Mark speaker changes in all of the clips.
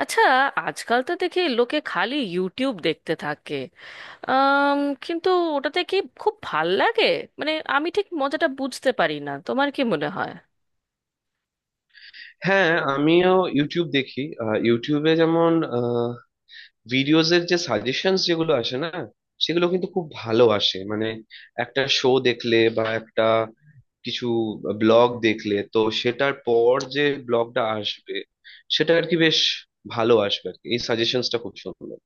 Speaker 1: আচ্ছা, আজকাল তো দেখি লোকে খালি ইউটিউব দেখতে থাকে। আম, কিন্তু ওটাতে কি খুব ভাল লাগে? মানে আমি ঠিক মজাটা বুঝতে পারি না, তোমার কি মনে হয়?
Speaker 2: হ্যাঁ, আমিও ইউটিউব দেখি। ইউটিউবে যেমন ভিডিওজের যে সাজেশনস যেগুলো আসে না, সেগুলো কিন্তু খুব ভালো আসে। মানে একটা শো দেখলে বা একটা কিছু ব্লগ দেখলে তো সেটার পর যে ব্লগটা আসবে সেটা আর কি বেশ ভালো আসবে আর কি, এই সাজেশনসটা খুব সুন্দর।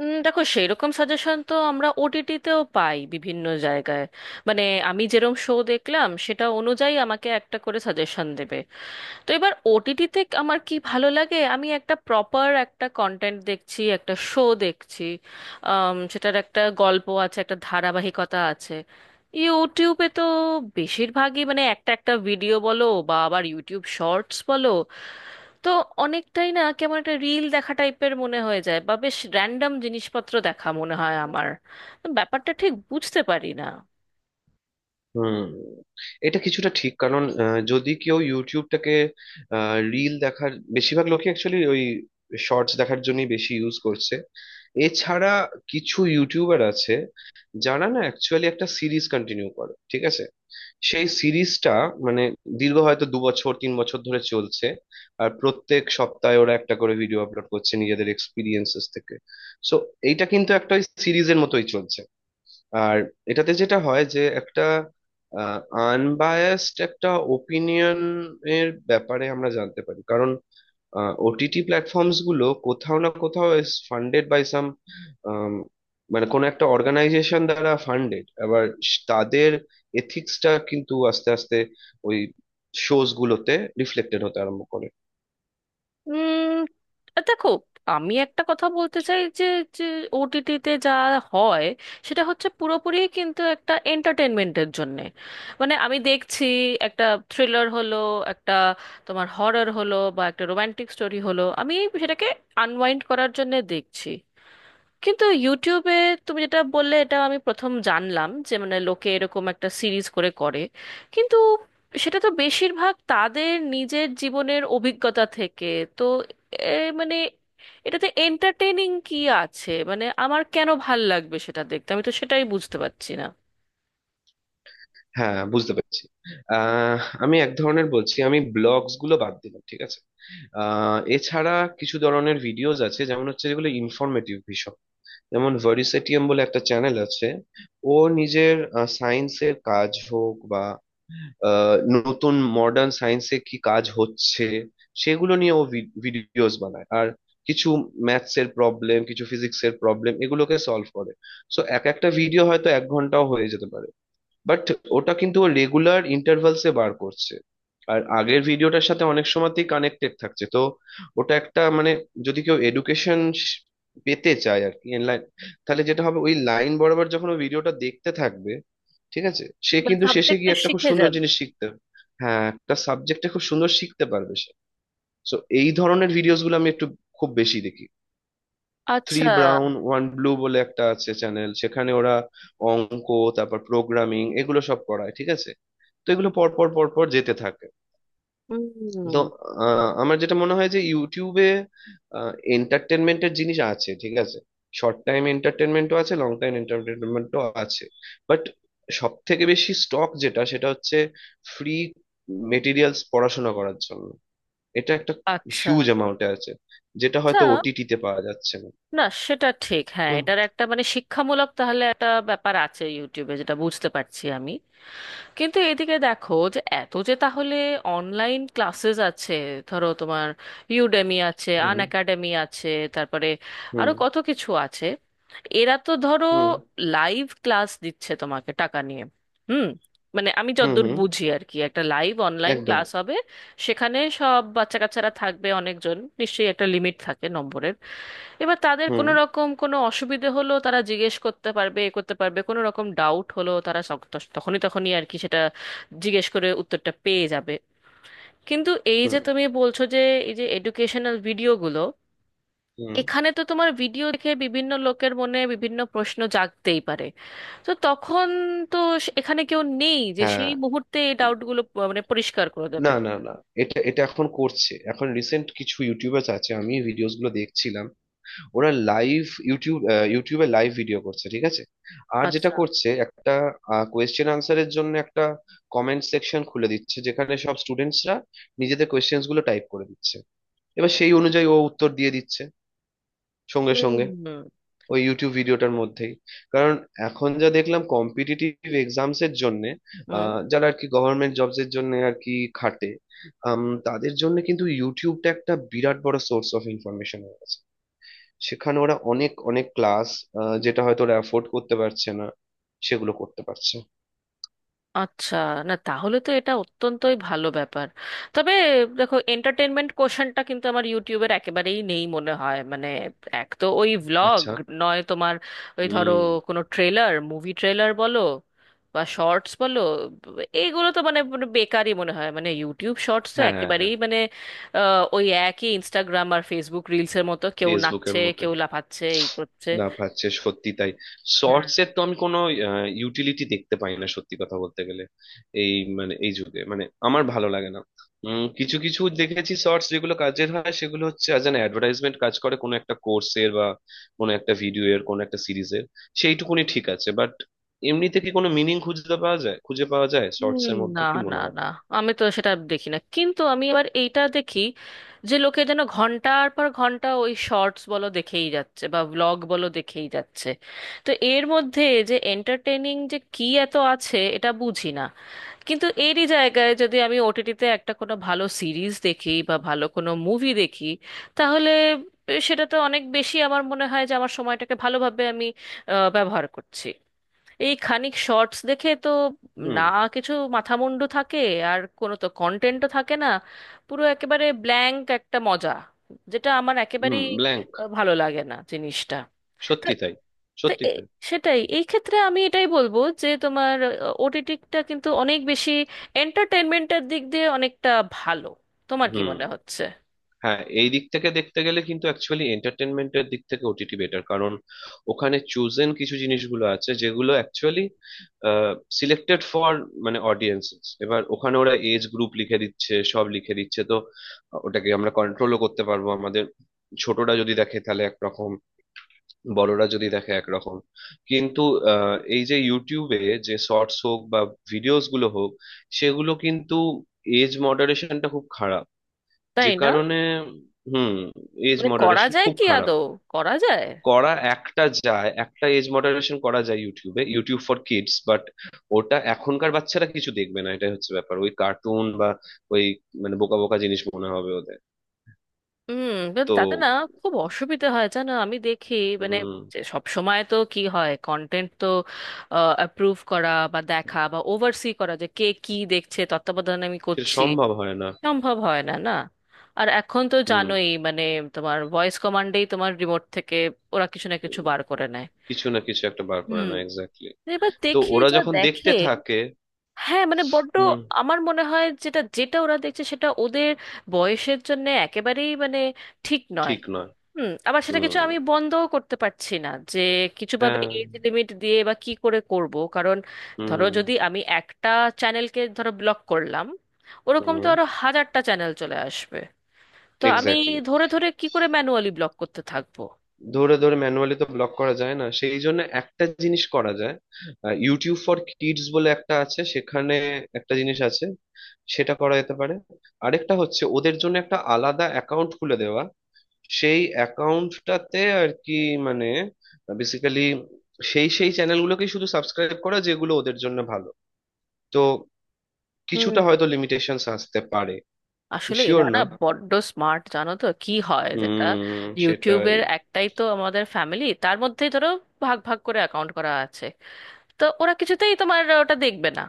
Speaker 1: দেখো, সেই রকম সাজেশন তো আমরা ওটিটিতেও পাই বিভিন্ন জায়গায়। মানে আমি যেরকম শো দেখলাম সেটা অনুযায়ী আমাকে একটা করে সাজেশন দেবে। তো এবার ওটিটিতে আমার কি ভালো লাগে, আমি একটা প্রপার একটা কন্টেন্ট দেখছি, একটা শো দেখছি। সেটার একটা গল্প আছে, একটা ধারাবাহিকতা আছে। ইউটিউবে তো বেশিরভাগই মানে একটা একটা ভিডিও বলো বা আবার ইউটিউব শর্টস বলো, তো অনেকটাই না কেমন একটা রিল দেখা টাইপের মনে হয়ে যায়, বা বেশ র্যান্ডম জিনিসপত্র দেখা মনে হয় আমার। ব্যাপারটা ঠিক বুঝতে পারি না।
Speaker 2: হুম, এটা কিছুটা ঠিক। কারণ যদি কেউ ইউটিউবটাকে রিল দেখার, বেশিরভাগ লোকই অ্যাকচুয়ালি ওই শর্টস দেখার জন্যই বেশি ইউজ করছে। এছাড়া কিছু ইউটিউবার আছে যারা না অ্যাকচুয়ালি একটা সিরিজ কন্টিনিউ করে, ঠিক আছে? সেই সিরিজটা মানে দীর্ঘ হয়তো দু বছর তিন বছর ধরে চলছে, আর প্রত্যেক সপ্তাহে ওরা একটা করে ভিডিও আপলোড করছে নিজেদের এক্সপিরিয়েন্সেস থেকে। সো এইটা কিন্তু একটা সিরিজের মতোই চলছে। আর এটাতে যেটা হয় যে একটা আনবায়াসড একটা ওপিনিয়ন এর ব্যাপারে আমরা জানতে পারি। কারণ ওটিটি প্ল্যাটফর্মস গুলো কোথাও না কোথাও ইজ ফান্ডেড বাই সাম, মানে কোনো একটা অর্গানাইজেশন দ্বারা ফান্ডেড। আবার তাদের এথিক্সটা কিন্তু আস্তে আস্তে ওই শোজ গুলোতে রিফ্লেক্টেড হতে আরম্ভ করে।
Speaker 1: উম, দেখো, আমি একটা কথা বলতে চাই যে যে ওটিটিতে যা হয় সেটা হচ্ছে পুরোপুরি কিন্তু একটা এন্টারটেনমেন্টের জন্যে। মানে আমি দেখছি একটা থ্রিলার হলো, একটা তোমার হরর হলো, বা একটা রোমান্টিক স্টোরি হলো, আমি সেটাকে আনওয়াইন্ড করার জন্য দেখছি। কিন্তু ইউটিউবে তুমি যেটা বললে, এটা আমি প্রথম জানলাম যে মানে লোকে এরকম একটা সিরিজ করে করে, কিন্তু সেটা তো বেশিরভাগ তাদের নিজের জীবনের অভিজ্ঞতা থেকে। তো এ, মানে এটাতে এন্টারটেইনিং কি আছে, মানে আমার কেন ভাল লাগবে সেটা দেখতে, আমি তো সেটাই বুঝতে পারছি না।
Speaker 2: হ্যাঁ, বুঝতে পেরেছি। আহ, আমি এক ধরনের বলছি, আমি ব্লগস গুলো বাদ দিলাম, ঠিক আছে? এছাড়া কিছু ধরনের ভিডিওস আছে যেমন হচ্ছে যেগুলো ইনফরমেটিভ ভীষণ। যেমন ভার্সেটিয়াম বলে একটা চ্যানেল আছে। ও নিজের সায়েন্সের কাজ হোক বা নতুন মডার্ন সায়েন্সে কি কাজ হচ্ছে, সেগুলো নিয়ে ও ভিডিওস বানায়। আর কিছু ম্যাথস এর প্রবলেম, কিছু ফিজিক্স এর প্রবলেম এগুলোকে সলভ করে। সো এক একটা ভিডিও হয়তো এক ঘন্টাও হয়ে যেতে পারে, বাট ওটা কিন্তু ও রেগুলার ইন্টারভালসে বার করছে। আর আগের ভিডিওটার সাথে অনেক সময়তেই কানেক্টেড থাকছে। তো ওটা একটা মানে, যদি কেউ এডুকেশন পেতে চায় আর কি লাইন, তাহলে যেটা হবে ওই লাইন বরাবর যখন ও ভিডিওটা দেখতে থাকবে, ঠিক আছে, সে কিন্তু শেষে
Speaker 1: সাবজেক্টটা
Speaker 2: গিয়ে একটা খুব
Speaker 1: শিখে
Speaker 2: সুন্দর
Speaker 1: যাবে।
Speaker 2: জিনিস শিখতে। হ্যাঁ, একটা সাবজেক্টে খুব সুন্দর শিখতে পারবে সে। সো এই ধরনের ভিডিওস গুলো আমি একটু খুব বেশি দেখি। থ্রি
Speaker 1: আচ্ছা।
Speaker 2: ব্রাউন ওয়ান ব্লু বলে একটা আছে চ্যানেল, সেখানে ওরা অঙ্ক, তারপর প্রোগ্রামিং, এগুলো সব করায়, ঠিক আছে? তো এগুলো পর পর পর পর যেতে থাকে। তো
Speaker 1: হুম।
Speaker 2: আমার যেটা মনে হয় যে ইউটিউবে এন্টারটেনমেন্টের জিনিস আছে, ঠিক আছে, শর্ট টাইম এন্টারটেনমেন্টও আছে, লং টাইম এন্টারটেনমেন্টও আছে। বাট সব থেকে বেশি স্টক যেটা সেটা হচ্ছে ফ্রি মেটেরিয়ালস পড়াশোনা করার জন্য। এটা একটা
Speaker 1: আচ্ছা।
Speaker 2: হিউজ অ্যামাউন্টে আছে, যেটা
Speaker 1: আচ্ছা,
Speaker 2: হয়তো ওটিটিতে পাওয়া যাচ্ছে না।
Speaker 1: না সেটা ঠিক, হ্যাঁ,
Speaker 2: হুম,
Speaker 1: এটার একটা মানে শিক্ষামূলক তাহলে একটা ব্যাপার আছে ইউটিউবে, যেটা বুঝতে পারছি আমি। কিন্তু এদিকে দেখো যে এত যে তাহলে অনলাইন ক্লাসেস আছে, ধরো তোমার ইউডেমি আছে,
Speaker 2: হুম,
Speaker 1: আন একাডেমি আছে, তারপরে
Speaker 2: হুম,
Speaker 1: আরো কত কিছু আছে। এরা তো ধরো
Speaker 2: হুম,
Speaker 1: লাইভ ক্লাস দিচ্ছে তোমাকে টাকা নিয়ে। হুম। মানে আমি
Speaker 2: হুম,
Speaker 1: যতদূর
Speaker 2: হুম,
Speaker 1: বুঝি আর কি, একটা লাইভ অনলাইন
Speaker 2: একদম।
Speaker 1: ক্লাস হবে, সেখানে সব বাচ্চা কাচ্চারা থাকবে অনেকজন, নিশ্চয়ই একটা লিমিট থাকে নম্বরের। এবার তাদের
Speaker 2: হুম,
Speaker 1: কোনো রকম কোনো অসুবিধে হলো তারা জিজ্ঞেস করতে পারবে, এ করতে পারবে, কোনো রকম ডাউট হলো তারা সক- তস- তখনই তখনই আর কি সেটা জিজ্ঞেস করে উত্তরটা পেয়ে যাবে। কিন্তু এই
Speaker 2: হুম,
Speaker 1: যে তুমি বলছো যে এই যে এডুকেশনাল ভিডিওগুলো,
Speaker 2: হুম,
Speaker 1: এখানে তো তোমার ভিডিও দেখে বিভিন্ন লোকের মনে বিভিন্ন প্রশ্ন জাগতেই পারে। তো তখন, তো এখানে কেউ নেই যে
Speaker 2: হ্যাঁ।
Speaker 1: সেই মুহূর্তে এই ডাউটগুলো মানে পরিষ্কার করে দেবে।
Speaker 2: না, না, না, এটা এটা এখন করছে। এখন রিসেন্ট কিছু ইউটিউবার্স আছে, আমি ভিডিওস গুলো দেখছিলাম, ওরা লাইভ ইউটিউব ইউটিউবে লাইভ ভিডিও করছে, ঠিক আছে? আর যেটা
Speaker 1: আচ্ছা।
Speaker 2: করছে, একটা কোয়েশ্চেন আনসারের জন্য একটা কমেন্ট সেকশন খুলে দিচ্ছে, যেখানে সব স্টুডেন্টসরা নিজেদের কোয়েশ্চেন্স গুলো টাইপ করে দিচ্ছে, এবার সেই অনুযায়ী ও উত্তর দিয়ে দিচ্ছে সঙ্গে সঙ্গে
Speaker 1: হুম।
Speaker 2: ওই ইউটিউব ভিডিওটার মধ্যেই। কারণ এখন যা দেখলাম কম্পিটিটিভ এক্সামস এর জন্য
Speaker 1: হুম।
Speaker 2: যারা আর কি গভর্নমেন্ট জবস এর জন্য আর কি খাটে, আম, তাদের জন্য কিন্তু ইউটিউবটা একটা বিরাট বড় সোর্স অফ ইনফরমেশন হয়ে গেছে। সেখানে ওরা অনেক অনেক ক্লাস যেটা হয়তো ওরা অ্যাফোর্ড করতে পারছে না, সেগুলো করতে পারছে।
Speaker 1: আচ্ছা, না তাহলে তো এটা অত্যন্তই ভালো ব্যাপার। তবে দেখো, এন্টারটেনমেন্ট কোশ্চেনটা কিন্তু আমার ইউটিউবের একেবারেই নেই মনে হয়। মানে এক তো ওই ভ্লগ,
Speaker 2: আচ্ছা।
Speaker 1: নয় তোমার ওই ধরো
Speaker 2: হুম।
Speaker 1: কোনো ট্রেলার, মুভি ট্রেলার বলো বা শর্টস বলো, এইগুলো তো মানে পুরো বেকারই মনে হয়। মানে ইউটিউব শর্টস তো
Speaker 2: হ্যাঁ।
Speaker 1: একেবারেই মানে ওই একই ইনস্টাগ্রাম আর ফেসবুক রিলসের মতো, কেউ
Speaker 2: ফেসবুকের
Speaker 1: নাচছে,
Speaker 2: মতো
Speaker 1: কেউ লাফাচ্ছে, এই করছে।
Speaker 2: না পাচ্ছে, সত্যি তাই। শর্টস এর তো আমি কোনো ইউটিলিটি দেখতে পাই না, সত্যি কথা বলতে গেলে। এই মানে এই যুগে মানে আমার ভালো লাগে না। কিছু কিছু দেখেছি শর্টস যেগুলো কাজের হয়, সেগুলো হচ্ছে অ্যাজ অ্যান অ্যাডভার্টাইজমেন্ট, কাজ করে কোনো একটা কোর্সের বা কোনো একটা ভিডিও এর কোনো একটা সিরিজের। সেইটুকুনি ঠিক আছে, বাট এমনিতে কি কোনো মিনিং খুঁজে পাওয়া যায়, খুঁজে পাওয়া যায়
Speaker 1: হুম,
Speaker 2: শর্টস এর
Speaker 1: না।
Speaker 2: মধ্যে, কি
Speaker 1: না
Speaker 2: মনে হয়?
Speaker 1: না আমি তো সেটা দেখি না, কিন্তু আমি আবার এইটা দেখি যে লোকে যেন ঘন্টার পর ঘন্টা ওই শর্টস বলো দেখেই যাচ্ছে, বা ব্লগ বলো দেখেই যাচ্ছে। তো এর মধ্যে যে এন্টারটেইনিং যে কি এত আছে, এটা বুঝি না। কিন্তু এরই জায়গায় যদি আমি ওটিটিতে একটা কোনো ভালো সিরিজ দেখি বা ভালো কোনো মুভি দেখি, তাহলে সেটা তো অনেক বেশি আমার মনে হয় যে আমার সময়টাকে ভালোভাবে আমি ব্যবহার করছি। এই খানিক শর্টস দেখে তো না
Speaker 2: হুম।
Speaker 1: কিছু মাথামুন্ডু থাকে, আর কোনো তো কন্টেন্টও থাকে না। পুরো একেবারে ব্ল্যাঙ্ক একটা মজা, যেটা আমার
Speaker 2: হুম,
Speaker 1: একেবারেই
Speaker 2: ব্ল্যাঙ্ক।
Speaker 1: ভালো লাগে না জিনিসটা। তো
Speaker 2: সত্যি তাই।
Speaker 1: তো
Speaker 2: সত্যি
Speaker 1: এ-
Speaker 2: তাই।
Speaker 1: সেটাই এই ক্ষেত্রে আমি এটাই বলবো যে তোমার ওটিটিটা কিন্তু অনেক বেশি এন্টারটেনমেন্টের দিক দিয়ে অনেকটা ভালো। তোমার কি
Speaker 2: হুম।
Speaker 1: মনে হচ্ছে?
Speaker 2: হ্যাঁ, এই দিক থেকে দেখতে গেলে কিন্তু অ্যাকচুয়ালি এন্টারটেনমেন্টের দিক থেকে ওটিটি বেটার। কারণ ওখানে চুজেন কিছু জিনিসগুলো আছে যেগুলো অ্যাকচুয়ালি সিলেক্টেড ফর মানে অডিয়েন্স। এবার ওখানে ওরা এজ গ্রুপ লিখে দিচ্ছে, সব লিখে দিচ্ছে। তো ওটাকে আমরা কন্ট্রোলও করতে পারবো আমাদের। ছোটরা যদি দেখে তাহলে একরকম, বড়রা যদি দেখে একরকম। কিন্তু এই যে ইউটিউবে যে শর্টস হোক বা ভিডিওস গুলো হোক, সেগুলো কিন্তু এজ মডারেশনটা খুব খারাপ। যে
Speaker 1: তাই না?
Speaker 2: কারণে, হুম, এজ
Speaker 1: মানে করা
Speaker 2: মডারেশন
Speaker 1: যায়
Speaker 2: খুব
Speaker 1: কি
Speaker 2: খারাপ।
Speaker 1: আদৌ, করা যায়?
Speaker 2: করা একটা যায়, একটা এজ মডারেশন করা যায় ইউটিউবে, ইউটিউব ফর কিডস, বাট ওটা এখনকার বাচ্চারা কিছু দেখবে না, এটাই হচ্ছে ব্যাপার। ওই কার্টুন বা ওই মানে বোকা বোকা জিনিস মনে হবে ওদের।
Speaker 1: হুম। কিন্তু
Speaker 2: তো
Speaker 1: তাতে না খুব অসুবিধা হয়, জানো, আমি দেখি মানে
Speaker 2: হুম,
Speaker 1: সব সময় তো কি হয়, কন্টেন্ট তো অ্যাপ্রুভ করা বা দেখা বা ওভারসি করা যে কে কি দেখছে, তত্ত্বাবধান আমি
Speaker 2: সেটা
Speaker 1: করছি,
Speaker 2: সম্ভব হয় না।
Speaker 1: সম্ভব হয় না, না। আর এখন তো
Speaker 2: হুম,
Speaker 1: জানোই মানে তোমার ভয়েস কমান্ডেই তোমার রিমোট থেকে ওরা কিছু না কিছু বার করে নেয়।
Speaker 2: কিছু না কিছু একটা বার করে
Speaker 1: হুম।
Speaker 2: না, এক্স্যাক্টলি।
Speaker 1: এবার
Speaker 2: তো
Speaker 1: দেখি
Speaker 2: ওরা
Speaker 1: যা
Speaker 2: যখন দেখতে
Speaker 1: দেখে।
Speaker 2: থাকে,
Speaker 1: হ্যাঁ মানে বড্ড
Speaker 2: হুম,
Speaker 1: আমার মনে হয় যেটা যেটা ওরা দেখছে সেটা ওদের বয়সের জন্য একেবারেই মানে ঠিক নয়।
Speaker 2: ঠিক নয়।
Speaker 1: হুম, আবার সেটা কিছু
Speaker 2: হুম।
Speaker 1: আমি বন্ধও করতে পারছি না যে কিছুভাবে
Speaker 2: হ্যাঁ।
Speaker 1: এজ লিমিট দিয়ে বা কি করে করব, কারণ ধরো
Speaker 2: হুম।
Speaker 1: যদি আমি একটা চ্যানেলকে ধরো ব্লক করলাম, ওরকম তো
Speaker 2: হুম,
Speaker 1: আরো হাজারটা চ্যানেল চলে আসবে। তো আমি
Speaker 2: এক্স্যাক্টলি।
Speaker 1: ধরে ধরে কি করে ম্যানুয়ালি ব্লক করতে থাকবো?
Speaker 2: ধরে ধরে ম্যানুয়ালি তো ব্লক করা যায় না, সেই জন্য একটা জিনিস করা যায়। ইউটিউব ফর কিডস বলে একটা আছে, সেখানে একটা জিনিস আছে, সেটা করা যেতে পারে। আরেকটা হচ্ছে ওদের জন্য একটা আলাদা অ্যাকাউন্ট খুলে দেওয়া, সেই অ্যাকাউন্টটাতে আর কি মানে বেসিক্যালি সেই সেই চ্যানেলগুলোকেই শুধু সাবস্ক্রাইব করা যেগুলো ওদের জন্য ভালো। তো
Speaker 1: হুম।
Speaker 2: কিছুটা হয়তো লিমিটেশনস আসতে পারে।
Speaker 1: আসলে এরা
Speaker 2: শিওর
Speaker 1: না
Speaker 2: না।
Speaker 1: বড্ড স্মার্ট, জানো তো কি হয়, যেটা
Speaker 2: হুম, সেটাই।
Speaker 1: ইউটিউবের একটাই তো আমাদের ফ্যামিলি, তার মধ্যেই ধরো ভাগ ভাগ করে অ্যাকাউন্ট করা আছে। তো ওরা কিছুতেই তোমার ওটা দেখবে না,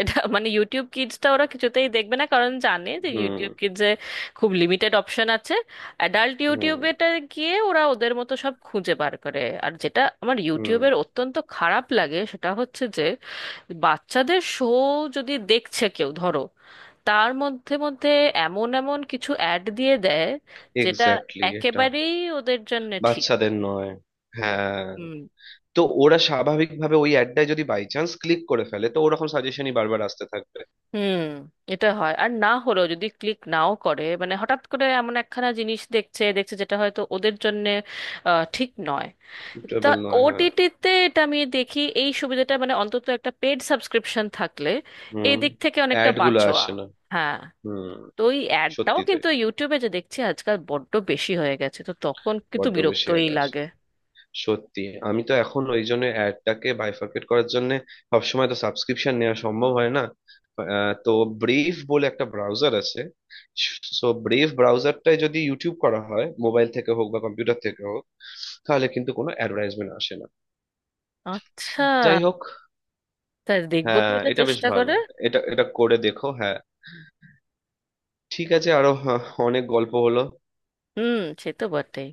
Speaker 1: এটা মানে ইউটিউব কিডসটা ওরা কিছুতেই দেখবে না, কারণ জানে যে
Speaker 2: হুম।
Speaker 1: ইউটিউব কিডসে খুব লিমিটেড অপশন আছে। অ্যাডাল্ট
Speaker 2: হুম।
Speaker 1: ইউটিউবেটা গিয়ে ওরা ওদের মতো সব খুঁজে বার করে। আর যেটা আমার
Speaker 2: হুম,
Speaker 1: ইউটিউবের অত্যন্ত খারাপ লাগে সেটা হচ্ছে যে বাচ্চাদের শো যদি দেখছে কেউ ধরো, তার মধ্যে মধ্যে এমন এমন কিছু অ্যাড দিয়ে দেয় যেটা
Speaker 2: এক্স্যাক্টলি, এটা
Speaker 1: একেবারেই ওদের জন্য ঠিক।
Speaker 2: বাচ্চাদের নয়। হ্যাঁ। তো ওরা স্বাভাবিকভাবে ওই অ্যাডটায় যদি বাই চান্স ক্লিক করে ফেলে, তো ওরকম সাজেশনই বারবার আসতে থাকবে।
Speaker 1: হুম। এটা হয়, আর না হলেও যদি ক্লিক নাও করে মানে হঠাৎ করে এমন একখানা জিনিস দেখছে দেখছে যেটা হয়তো ওদের জন্য ঠিক নয়। তা
Speaker 2: সুটেবল নয়, হ্যাঁ।
Speaker 1: ওটিটিতে এটা আমি দেখি এই সুবিধাটা, মানে অন্তত একটা পেড সাবস্ক্রিপশন থাকলে এই
Speaker 2: হুম,
Speaker 1: দিক থেকে অনেকটা,
Speaker 2: অ্যাড
Speaker 1: হ্যাঁ,
Speaker 2: গুলো
Speaker 1: বাঁচোয়া।
Speaker 2: আসে না।
Speaker 1: হ্যাঁ।
Speaker 2: হুম,
Speaker 1: তো ওই অ্যাডটাও
Speaker 2: সত্যি তাই।
Speaker 1: কিন্তু ইউটিউবে যে দেখছি আজকাল বড্ড বেশি হয়ে গেছে, তো তখন কিন্তু
Speaker 2: বড্ড বেশি
Speaker 1: বিরক্তই
Speaker 2: অ্যাড আসে,
Speaker 1: লাগে।
Speaker 2: সত্যি। আমি তো এখন ওই জন্য অ্যাডটাকে বাইফার্কেট করার জন্য, সবসময় তো সাবস্ক্রিপশন নেওয়া সম্ভব হয় না, তো ব্রেভ বলে একটা ব্রাউজার আছে। সো ব্রেভ ব্রাউজারটায় যদি ইউটিউব করা হয় মোবাইল থেকে হোক বা কম্পিউটার থেকে হোক, তাহলে কিন্তু কোনো অ্যাডভার্টাইজমেন্ট আসে না।
Speaker 1: আচ্ছা,
Speaker 2: যাই হোক।
Speaker 1: তা দেখবো তো
Speaker 2: হ্যাঁ,
Speaker 1: এটা
Speaker 2: এটা বেশ
Speaker 1: চেষ্টা
Speaker 2: ভালো।
Speaker 1: করে।
Speaker 2: এটা এটা করে দেখো, হ্যাঁ। ঠিক আছে। আরো হ্যাঁ, অনেক গল্প হলো।
Speaker 1: হুম, সে তো বটেই।